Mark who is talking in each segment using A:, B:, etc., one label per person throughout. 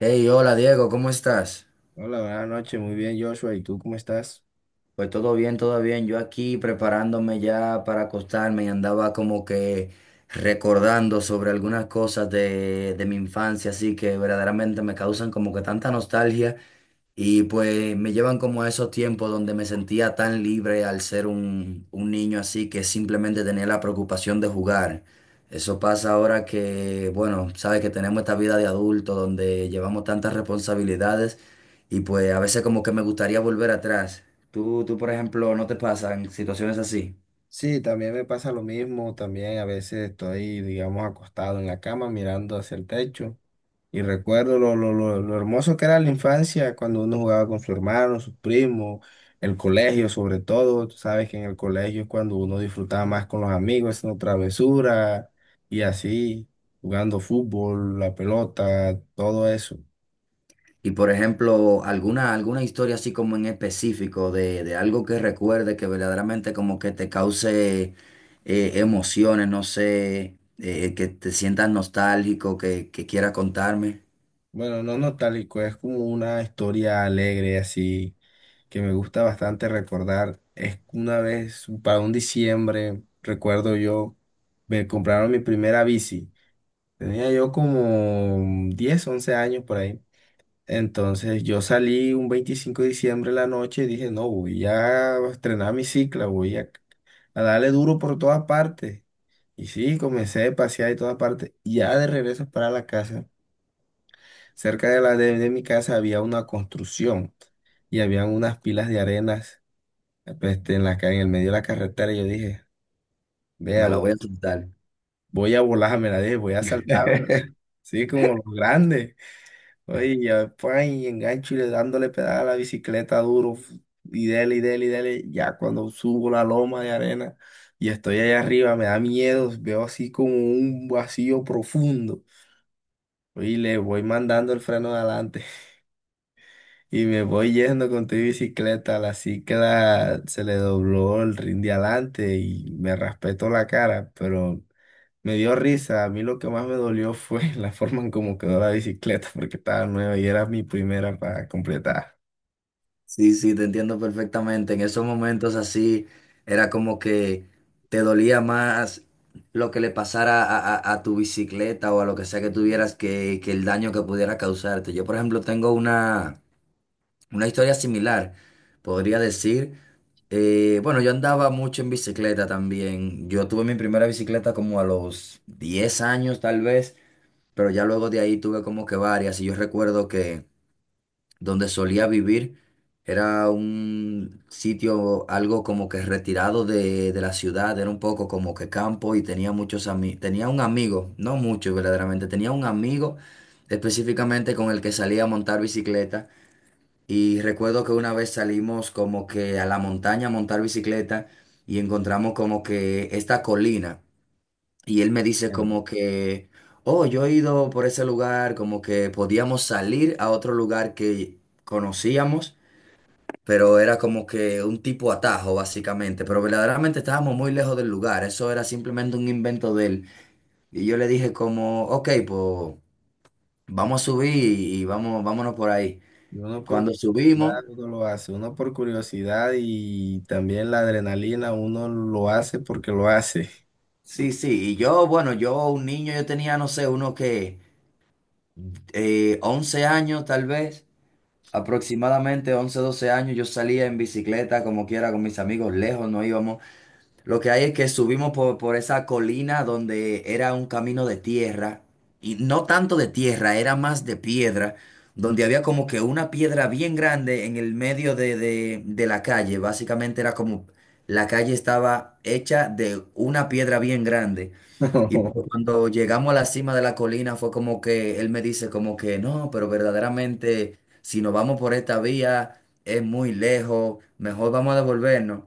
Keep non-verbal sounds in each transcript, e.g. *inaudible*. A: Hey, hola Diego, ¿cómo estás?
B: Hola, buenas noches, muy bien Joshua, ¿y tú cómo estás?
A: Pues todo bien, todo bien. Yo aquí preparándome ya para acostarme y andaba como que recordando sobre algunas cosas de mi infancia, así que verdaderamente me causan como que tanta nostalgia. Y pues me llevan como a esos tiempos donde me sentía tan libre al ser un niño, así que simplemente tenía la preocupación de jugar. Eso pasa ahora que, bueno, sabes que tenemos esta vida de adulto donde llevamos tantas responsabilidades y pues a veces como que me gustaría volver atrás. Tú, por ejemplo, ¿no te pasan situaciones así?
B: Sí, también me pasa lo mismo, también a veces estoy, digamos, acostado en la cama mirando hacia el techo y recuerdo lo hermoso que era la infancia cuando uno jugaba con su hermano, sus primos, el colegio sobre todo, tú sabes que en el colegio es cuando uno disfrutaba más con los amigos, haciendo travesuras y así, jugando fútbol, la pelota, todo eso.
A: Y por ejemplo, alguna historia así como en específico de algo que recuerde que verdaderamente como que te cause, emociones, no sé, que te sientas nostálgico, que quiera contarme,
B: Bueno, no nostálgico, es como una historia alegre así que me gusta bastante recordar. Es que una vez, para un diciembre, recuerdo yo, me compraron mi primera bici. Tenía yo como 10 u 11 años por ahí. Entonces yo salí un 25 de diciembre en la noche y dije, no, voy a estrenar mi cicla, a darle duro por todas partes. Y sí, comencé a pasear y todas partes. Ya de regreso para la casa. Cerca de de mi casa había una construcción y había unas pilas de arenas pues, en en el medio de la carretera. Y yo dije,
A: me
B: vea,
A: la
B: vo-
A: voy a contar.
B: voy a volarme la dije, voy a saltar,
A: *laughs*
B: sí, como los grandes. Oye, y ya, pan, y engancho y le dándole pedal a la bicicleta duro. Y dele, y dele, y dele. Ya cuando subo la loma de arena y estoy allá arriba, me da miedo, veo así como un vacío profundo. Oye, y le voy mandando el freno de adelante. Y me voy yendo con tu bicicleta, la cicla se le dobló el rin de adelante y me raspetó la cara, pero me dio risa. A mí lo que más me dolió fue *laughs* la forma en cómo quedó la bicicleta, porque estaba nueva y era mi primera para completar.
A: Sí, sí, te entiendo perfectamente. En esos momentos así era como que te dolía más lo que le pasara a tu bicicleta o a lo que sea que tuvieras, que el daño que pudiera causarte. Yo, por ejemplo, tengo una... Una historia similar, podría decir. Bueno, yo andaba mucho en bicicleta también. Yo tuve mi primera bicicleta como a los 10 años tal vez, pero ya luego de ahí tuve como que varias. Y yo recuerdo que donde solía vivir era un sitio algo como que retirado de la ciudad, era un poco como que campo y tenía muchos amigos. Tenía un amigo, no mucho verdaderamente, tenía un amigo específicamente con el que salía a montar bicicleta. Y recuerdo que una vez salimos como que a la montaña a montar bicicleta y encontramos como que esta colina. Y él me dice
B: Entiendo.
A: como que, oh, yo he ido por ese lugar, como que podíamos salir a otro lugar que conocíamos, pero era como que un tipo atajo básicamente. Pero verdaderamente estábamos muy lejos del lugar, eso era simplemente un invento de él. Y yo le dije como, ok, pues vamos a subir y vámonos por ahí.
B: Y uno por
A: Cuando subimos.
B: curiosidad uno lo hace, uno por curiosidad y también la adrenalina, uno lo hace porque lo hace.
A: Sí, sí, y yo, bueno, yo un niño, yo tenía, no sé, uno que 11 años tal vez, aproximadamente 11, 12 años, yo salía en bicicleta como quiera con mis amigos, lejos no íbamos. Lo que hay es que subimos por esa colina donde era un camino de tierra, y no tanto de tierra, era más de piedra, donde había como que una piedra bien grande en el medio de la calle, básicamente era como, la calle estaba hecha de una piedra bien grande. Y pues
B: *laughs*
A: cuando llegamos a la cima de la colina fue como que él me dice como que no, pero verdaderamente si nos vamos por esta vía es muy lejos, mejor vamos a devolvernos.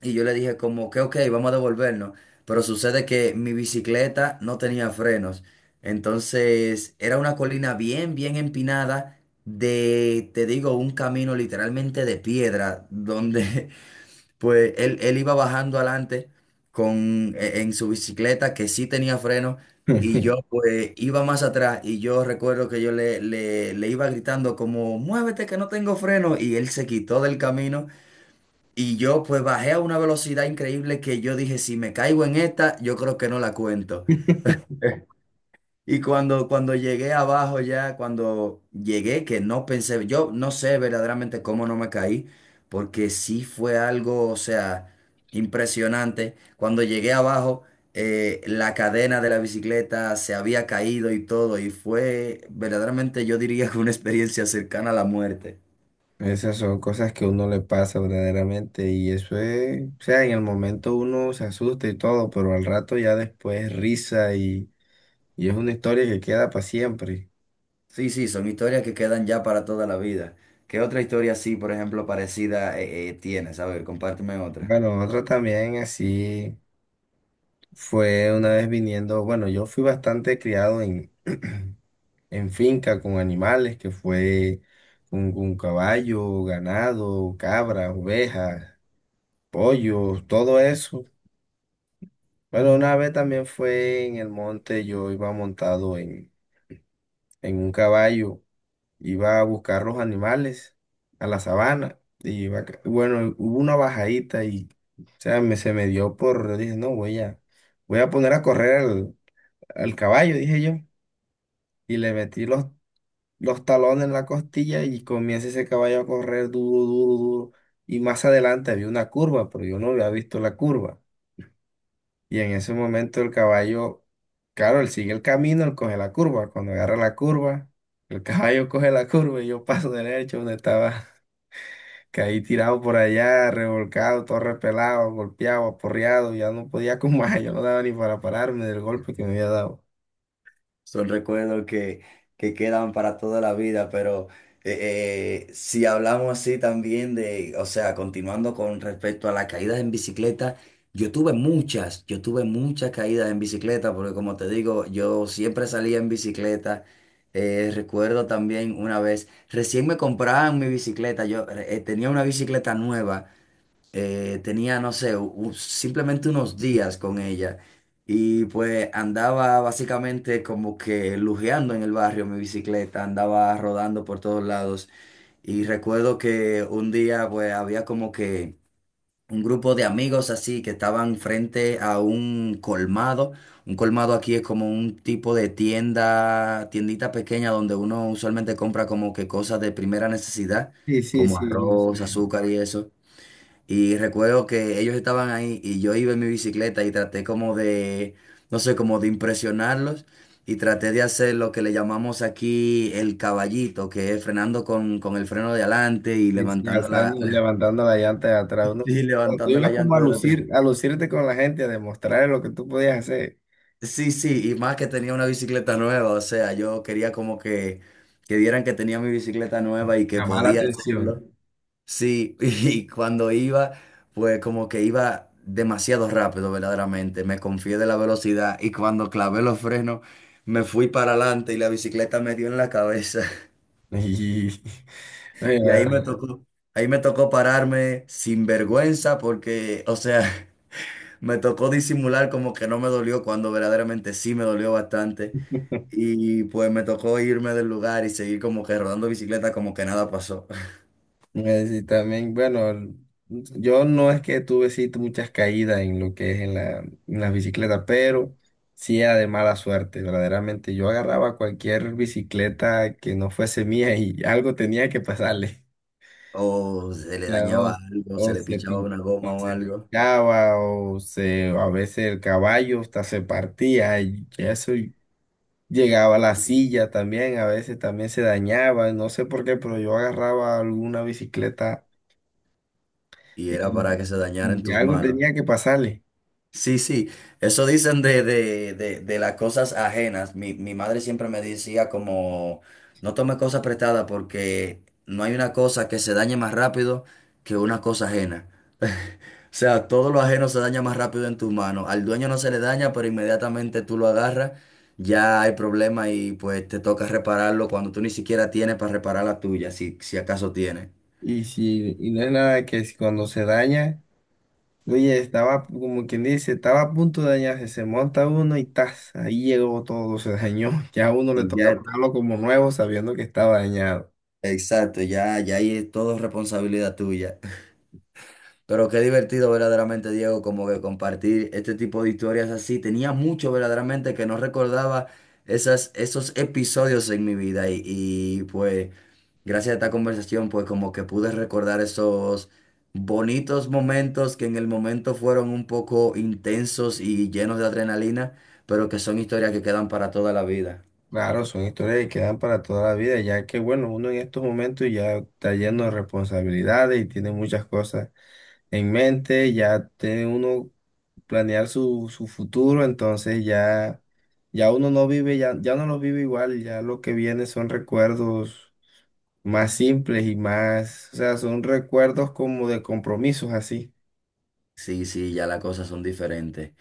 A: Y yo le dije como que ok, vamos a devolvernos. Pero sucede que mi bicicleta no tenía frenos. Entonces era una colina bien, bien empinada de, te digo, un camino literalmente de piedra, donde *laughs* pues él iba bajando adelante en su bicicleta que sí tenía freno, y yo pues iba más atrás, y yo recuerdo que yo le iba gritando como, muévete que no tengo freno, y él se quitó del camino y yo pues bajé a una velocidad increíble que yo dije, si me caigo en esta, yo creo que no la cuento.
B: *laughs*
A: Y cuando llegué abajo ya, cuando llegué, que no pensé, yo no sé verdaderamente cómo no me caí, porque sí fue algo, o sea, impresionante. Cuando llegué abajo, la cadena de la bicicleta se había caído y todo, y fue verdaderamente, yo diría que una experiencia cercana a la muerte.
B: Esas son cosas que a uno le pasa verdaderamente y eso es, o sea, en el momento uno se asusta y todo, pero al rato ya después risa y es una historia que queda para siempre.
A: Sí, sí, son historias que quedan ya para toda la vida. ¿Qué otra historia así, por ejemplo, parecida, tienes? A ver, compárteme otra.
B: Bueno, otro también así fue una vez viniendo, bueno, yo fui bastante criado en, *clears throat* en finca con animales, que fue un caballo, ganado, cabras, ovejas, pollos, todo eso. Bueno, una vez también fue en el monte, yo iba montado en un caballo, iba a buscar los animales a la sabana. Y bueno, hubo una bajadita y o sea, se me dio por, yo dije, no, voy a poner a correr al caballo, dije yo. Y le metí los talones en la costilla y comienza ese caballo a correr duro, duro, duro. Y más adelante había una curva, pero yo no había visto la curva. Y en ese momento el caballo, claro, él sigue el camino, él coge la curva. Cuando agarra la curva, el *laughs* caballo coge la curva y yo paso derecho donde estaba. *laughs* Caí tirado por allá, revolcado, todo repelado, golpeado, aporreado. Ya no podía con más, yo no daba ni para pararme del golpe que me había dado.
A: Son recuerdos que quedan para toda la vida, pero, si hablamos así también de, o sea, continuando con respecto a las caídas en bicicleta, yo tuve muchas caídas en bicicleta, porque como te digo, yo siempre salía en bicicleta. Recuerdo también una vez, recién me compraban mi bicicleta, yo tenía una bicicleta nueva, tenía, no sé, simplemente unos días con ella, y pues andaba básicamente como que lujeando en el barrio mi bicicleta, andaba rodando por todos lados, y recuerdo que un día pues había como que un grupo de amigos así que estaban frente a un colmado. Un colmado aquí es como un tipo de tienda, tiendita pequeña donde uno usualmente compra como que cosas de primera necesidad,
B: Sí, sí,
A: como
B: sí, yo sí.
A: arroz, azúcar y eso. Y recuerdo que ellos estaban ahí y yo iba en mi bicicleta y traté como de, no sé, como de impresionarlos, y traté de hacer lo que le llamamos aquí el caballito, que es frenando con el freno de adelante y
B: Y sí, alzando, levantando la llanta de atrás.
A: *laughs*
B: Uno,
A: y
B: tú
A: levantando la
B: ibas como a
A: llanta de atrás.
B: lucir, a lucirte con la gente, a demostrar lo que tú podías hacer,
A: Sí, sí, y más que tenía una bicicleta nueva, o sea, yo quería como que vieran que tenía mi bicicleta nueva y que
B: llamar la
A: podía
B: atención.
A: hacerlo. Sí, *laughs* y cuando iba, pues como que iba demasiado rápido, verdaderamente. Me confié de la velocidad y cuando clavé los frenos, me fui para adelante y la bicicleta me dio en la cabeza. *laughs*
B: *laughs* Y,
A: Y
B: oye,
A: ahí me tocó, ahí me tocó pararme sin vergüenza porque, o sea, *laughs* me tocó disimular como que no me dolió cuando verdaderamente sí me dolió bastante. Y pues me tocó irme del lugar y seguir como que rodando bicicleta como que nada pasó. *laughs*
B: Sí, también, bueno, yo no es que tuve sí muchas caídas en lo que es en en la bicicleta, pero sí era de mala suerte, verdaderamente. Yo agarraba cualquier bicicleta que no fuese mía y *laughs* algo tenía que pasarle.
A: O se le
B: Ya, O,
A: dañaba algo, se
B: o
A: le
B: se
A: pichaba una goma o algo.
B: pinchaba, a veces el caballo hasta se partía, y eso y llegaba a la silla también, a veces también se dañaba, no sé por qué, pero yo agarraba alguna bicicleta
A: Y era para
B: y,
A: que se dañara en
B: y
A: tus
B: algo
A: manos.
B: tenía que pasarle.
A: Sí, sí, eso dicen de las cosas ajenas. Mi madre siempre me decía como, no tome cosas prestadas porque no hay una cosa que se dañe más rápido que una cosa ajena. *laughs* O sea, todo lo ajeno se daña más rápido en tus manos. Al dueño no se le daña, pero inmediatamente tú lo agarras, ya hay problema y pues te toca repararlo cuando tú ni siquiera tienes para reparar la tuya, si acaso tienes.
B: Y si, y no es nada que si cuando se daña, oye, estaba como quien dice, estaba a punto de dañarse, se monta uno y tas, ahí llegó todo, se dañó. *laughs* Ya a uno le
A: Y
B: toca
A: ya
B: pagarlo como nuevo sabiendo que estaba dañado.
A: Exacto, ya ahí es todo responsabilidad tuya. Pero qué divertido verdaderamente, Diego, como que compartir este tipo de historias así. Tenía mucho verdaderamente que no recordaba esos episodios en mi vida, pues gracias a esta conversación pues como que pude recordar esos bonitos momentos que en el momento fueron un poco intensos y llenos de adrenalina, pero que son historias que quedan para toda la vida.
B: Claro, son historias que quedan para toda la vida, ya que bueno, uno en estos momentos ya está lleno de responsabilidades y tiene muchas cosas en mente, ya tiene uno planear su futuro, entonces ya, ya uno no vive, ya, ya no lo vive igual, ya lo que viene son recuerdos más simples y más, o sea, son recuerdos como de compromisos así.
A: Sí, sí, ya las cosas son diferentes.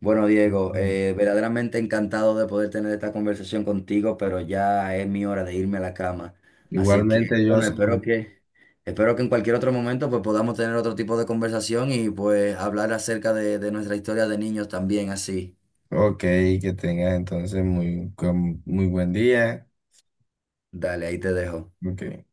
A: Bueno, Diego,
B: Mm.
A: verdaderamente encantado de poder tener esta conversación contigo, pero ya es mi hora de irme a la cama. Así que,
B: Igualmente yo,
A: bueno,
B: sí-
A: espero que en cualquier otro momento pues podamos tener otro tipo de conversación y pues hablar acerca de nuestra historia de niños también así.
B: ok, que tengas entonces muy buen día.
A: Dale, ahí te dejo.
B: Ok.